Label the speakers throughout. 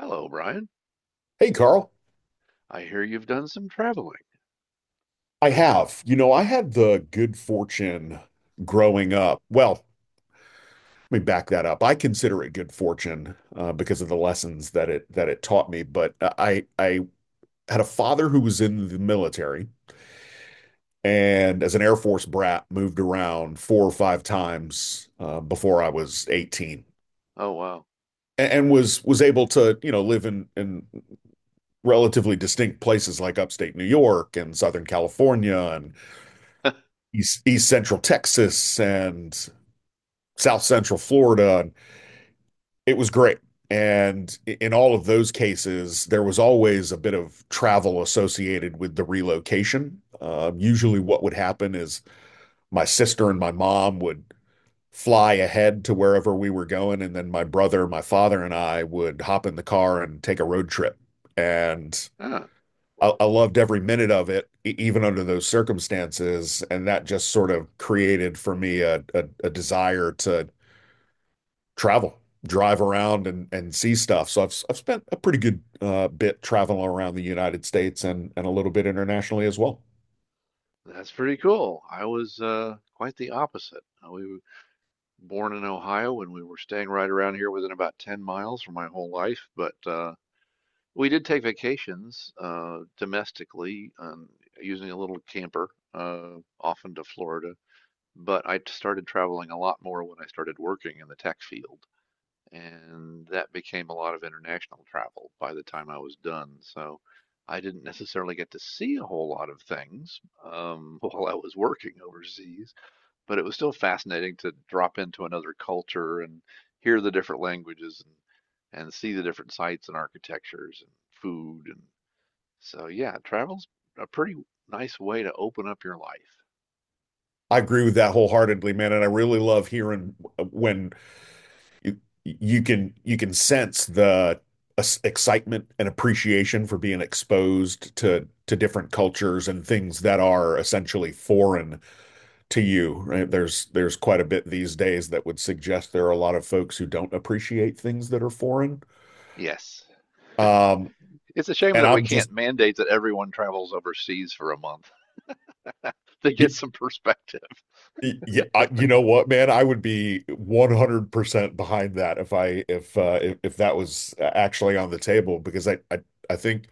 Speaker 1: Hello, Brian.
Speaker 2: Hey, Carl.
Speaker 1: I hear you've done some traveling.
Speaker 2: I have. You know, I had the good fortune growing up. Well, let me back that up. I consider it good fortune because of the lessons that it taught me. But I had a father who was in the military, and as an Air Force brat, moved around four or five times before I was 18.
Speaker 1: Oh, wow.
Speaker 2: And was able to, you know, live in relatively distinct places like upstate New York and Southern California and East Central Texas and South Central Florida. And it was great. And in all of those cases, there was always a bit of travel associated with the relocation. Usually, what would happen is my sister and my mom would fly ahead to wherever we were going. And then my brother, my father, and I would hop in the car and take a road trip. And
Speaker 1: Huh,
Speaker 2: I loved every minute of it, even under those circumstances. And that just sort of created for me a desire to travel, drive around, and see stuff. So I've spent a pretty good bit traveling around the United States and a little bit internationally as well.
Speaker 1: that's pretty cool. I was quite the opposite. We were born in Ohio and we were staying right around here within about 10 miles for my whole life, but we did take vacations domestically, using a little camper, uh, often to Florida. But I started traveling a lot more when I started working in the tech field, and that became a lot of international travel by the time I was done. So I didn't necessarily get to see a whole lot of things, while I was working overseas, but it was still fascinating to drop into another culture and hear the different languages and see the different sites and architectures and food. And so yeah, travel's a pretty nice way to open up your life.
Speaker 2: I agree with that wholeheartedly, man, and I really love hearing when you you can sense the excitement and appreciation for being exposed to different cultures and things that are essentially foreign to you, right? There's quite a bit these days that would suggest there are a lot of folks who don't appreciate things that are foreign.
Speaker 1: Yes.
Speaker 2: Um,
Speaker 1: It's a shame
Speaker 2: And
Speaker 1: that we
Speaker 2: I'm just,
Speaker 1: can't mandate that everyone travels overseas for a month to get
Speaker 2: y-
Speaker 1: some perspective.
Speaker 2: yeah, you know what, man? I would be 100% behind that if I if that was actually on the table because I think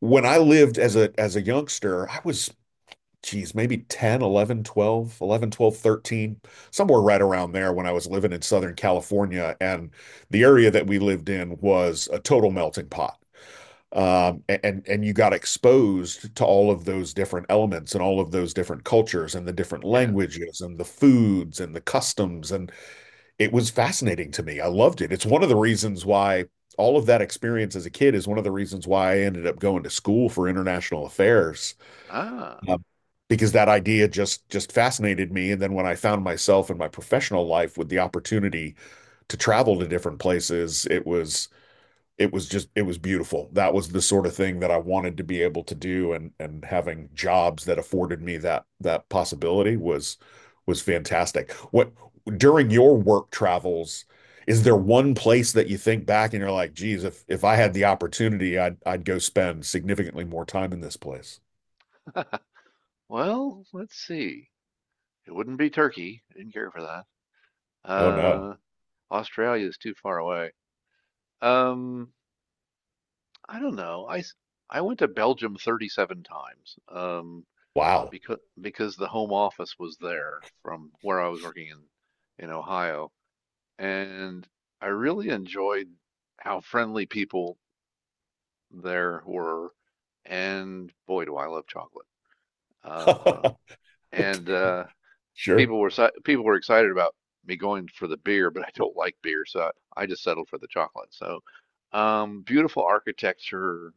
Speaker 2: when I lived as a youngster, I was, geez, maybe 10, 11, 13, somewhere right around there, when I was living in Southern California. And the area that we lived in was a total melting pot. And you got exposed to all of those different elements and all of those different cultures and the different
Speaker 1: Yeah.
Speaker 2: languages and the foods and the customs, and it was fascinating to me. I loved it. It's one of the reasons why all of that experience as a kid is one of the reasons why I ended up going to school for international affairs,
Speaker 1: Ah,
Speaker 2: um, because that idea just fascinated me. And then when I found myself in my professional life with the opportunity to travel to different places, it was, it was just it was beautiful. That was the sort of thing that I wanted to be able to do, and having jobs that afforded me that possibility was fantastic. What, during your work travels, is there one place that you think back and you're like, geez, if I had the opportunity, I'd go spend significantly more time in this place?
Speaker 1: well, let's see. It wouldn't be Turkey. I didn't care for that.
Speaker 2: Oh no.
Speaker 1: Uh, Australia is too far away. Um, I don't know. I went to Belgium 37 times.
Speaker 2: Wow.
Speaker 1: Because the home office was there from where I was working in Ohio, and I really enjoyed how friendly people there were. And boy, do I love chocolate. Uh,
Speaker 2: okay.
Speaker 1: and
Speaker 2: Sure.
Speaker 1: people were excited about me going for the beer, but I don't like beer, so I just settled for the chocolate. So, beautiful architecture,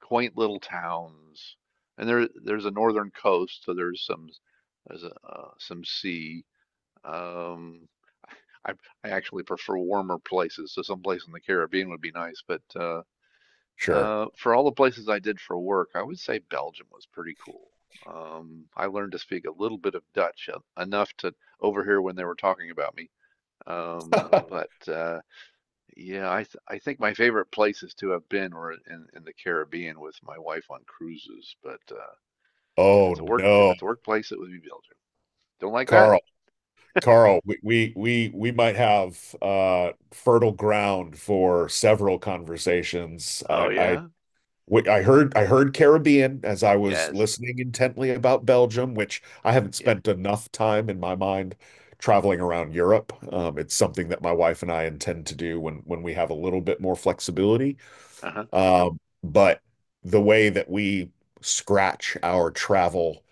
Speaker 1: quaint little towns, and there's a northern coast, so there's a, some sea. Um, I I actually prefer warmer places, so someplace in the Caribbean would be nice, but
Speaker 2: Sure.
Speaker 1: for all the places I did for work, I would say Belgium was pretty cool. I learned to speak a little bit of Dutch, enough to overhear when they were talking about me. But yeah, I think my favorite places to have been were in the Caribbean with my wife on cruises. But
Speaker 2: oh
Speaker 1: if
Speaker 2: no.
Speaker 1: it's a workplace, it would be Belgium. Don't like that?
Speaker 2: carl Carl, we might have fertile ground for several conversations.
Speaker 1: Oh
Speaker 2: I
Speaker 1: yeah?
Speaker 2: I heard, I heard, Caribbean, as I was
Speaker 1: Yes.
Speaker 2: listening intently about Belgium, which I haven't
Speaker 1: Yeah.
Speaker 2: spent enough time in. My mind traveling around Europe. It's something that my wife and I intend to do when we have a little bit more flexibility.
Speaker 1: Uh-huh.
Speaker 2: But the way that we scratch our travel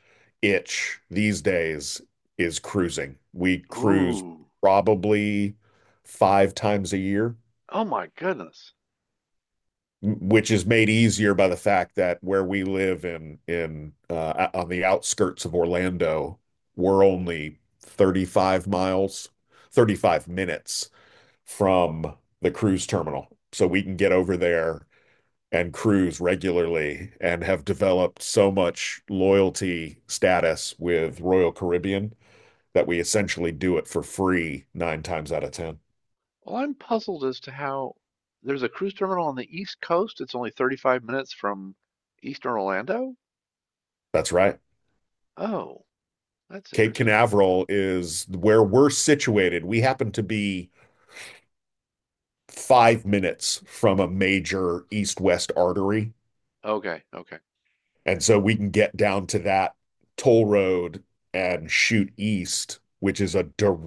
Speaker 2: itch these days is cruising. We cruise
Speaker 1: Ooh.
Speaker 2: probably five times a year,
Speaker 1: Oh my goodness.
Speaker 2: which is made easier by the fact that where we live in on the outskirts of Orlando, we're only 35 miles, 35 minutes from the cruise terminal. So we can get over there and cruise regularly, and have developed so much loyalty status with Royal Caribbean that we essentially do it for free nine times out of 10.
Speaker 1: Well, I'm puzzled as to how there's a cruise terminal on the East Coast. It's only 35 minutes from Eastern Orlando.
Speaker 2: That's right.
Speaker 1: Oh, that's
Speaker 2: Cape
Speaker 1: interesting.
Speaker 2: Canaveral is where we're situated. We happen to be 5 minutes from a major east west artery.
Speaker 1: Okay, okay.
Speaker 2: And so we can get down to that toll road and shoot east, which is a,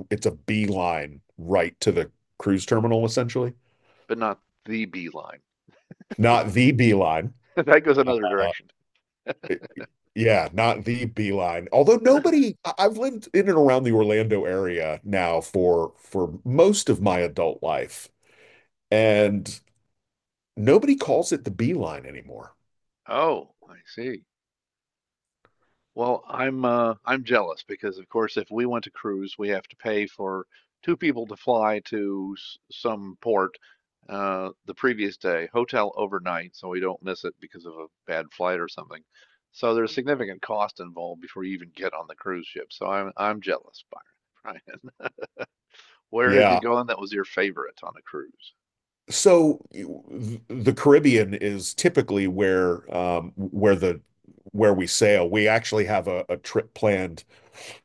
Speaker 2: it's a beeline right to the cruise terminal essentially.
Speaker 1: But not the B line.
Speaker 2: Not the Beeline.
Speaker 1: That goes another
Speaker 2: Uh,
Speaker 1: direction.
Speaker 2: yeah, not the Beeline. Although nobody, I've lived in and around the Orlando area now for most of my adult life, and nobody calls it the Beeline anymore.
Speaker 1: Oh, I see. Well, I'm jealous because, of course, if we want to cruise, we have to pay for two people to fly to some port, the previous day, hotel overnight, so we don't miss it because of a bad flight or something. So there's significant cost involved before you even get on the cruise ship. So I'm jealous, Byron. Brian, where have you
Speaker 2: Yeah.
Speaker 1: gone that was your favorite on a cruise?
Speaker 2: So the Caribbean is typically where the where we sail. We actually have a trip planned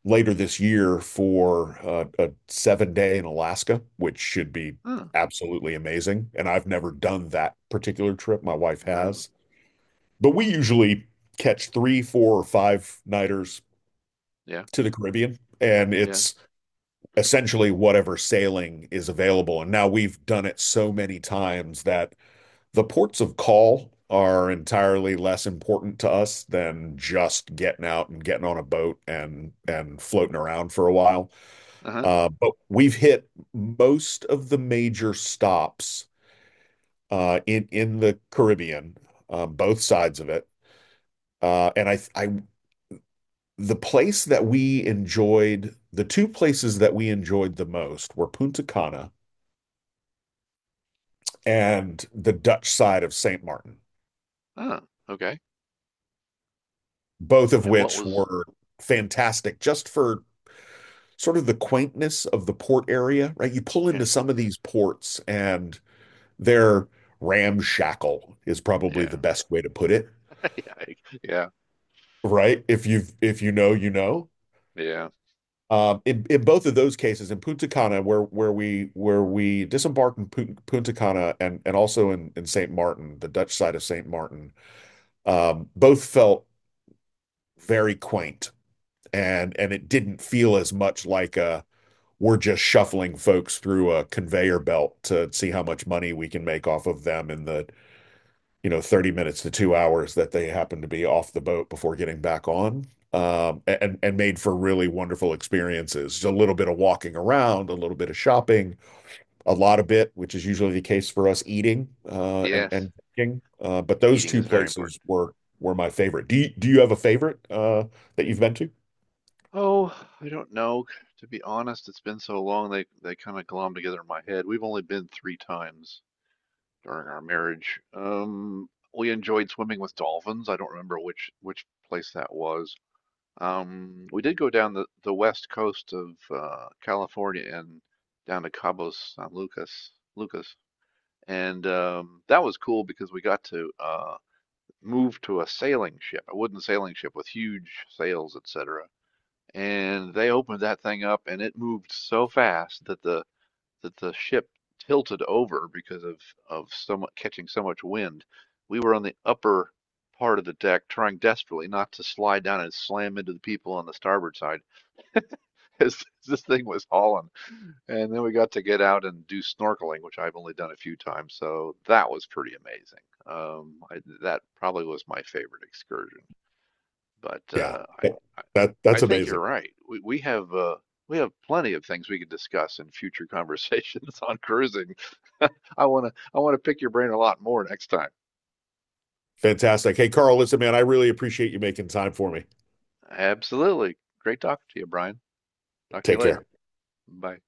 Speaker 2: later this year for a 7 day in Alaska, which should be
Speaker 1: Huh,
Speaker 2: absolutely amazing. And I've never done that particular trip. My wife
Speaker 1: no,
Speaker 2: has, but we usually catch three, four, or five nighters
Speaker 1: yeah,
Speaker 2: to the Caribbean, and
Speaker 1: yeah,
Speaker 2: it's essentially whatever sailing is available. And now we've done it so many times that the ports of call are entirely less important to us than just getting out and getting on a boat and floating around for a while.
Speaker 1: uh-huh.
Speaker 2: But we've hit most of the major stops, in the Caribbean, both sides of it. And I The place that we enjoyed, the two places that we enjoyed the most were Punta Cana and the Dutch side of St. Martin,
Speaker 1: Oh, okay.
Speaker 2: both of
Speaker 1: And what
Speaker 2: which
Speaker 1: was,
Speaker 2: were fantastic just for sort of the quaintness of the port area, right? You pull into
Speaker 1: yeah,
Speaker 2: some of these ports and they're, ramshackle is probably
Speaker 1: yeah,
Speaker 2: the best way to put it,
Speaker 1: yeah, yeah,
Speaker 2: right? If you've, if you know, you know.
Speaker 1: yeah.
Speaker 2: In both of those cases, in Punta Cana, where we disembarked in Punta Cana, and also in Saint Martin, the Dutch side of Saint Martin, both felt very quaint, and it didn't feel as much like a, we're just shuffling folks through a conveyor belt to see how much money we can make off of them in the, you know, 30 minutes to 2 hours that they happen to be off the boat before getting back on. And made for really wonderful experiences. Just a little bit of walking around, a little bit of shopping, a lot of bit, which is usually the case for us, eating and
Speaker 1: Yes,
Speaker 2: drinking. But those
Speaker 1: eating
Speaker 2: two
Speaker 1: is very
Speaker 2: places
Speaker 1: important.
Speaker 2: were my favorite. Do you have a favorite that you've been to?
Speaker 1: Oh, I don't know. To be honest, it's been so long they kind of glom together in my head. We've only been three times during our marriage. We enjoyed swimming with dolphins. I don't remember which place that was. We did go down the west coast of California and down to Lucas. And that was cool because we got to move to a sailing ship, a wooden sailing ship with huge sails, etc. And they opened that thing up, and it moved so fast that the ship tilted over because of so much catching so much wind. We were on the upper part of the deck, trying desperately not to slide down and slam into the people on the starboard side as this thing was hauling. And then we got to get out and do snorkeling, which I've only done a few times, so that was pretty amazing. Um, I, that probably was my favorite excursion. But
Speaker 2: Yeah,
Speaker 1: I,
Speaker 2: that that's
Speaker 1: I think
Speaker 2: amazing,
Speaker 1: you're right. We have plenty of things we could discuss in future conversations on cruising. I wanna pick your brain a lot more next time.
Speaker 2: fantastic. Hey, Carl, listen, man, I really appreciate you making time for me.
Speaker 1: Absolutely. Great talking to you, Brian. Talk to you
Speaker 2: Take
Speaker 1: later.
Speaker 2: care.
Speaker 1: Bye.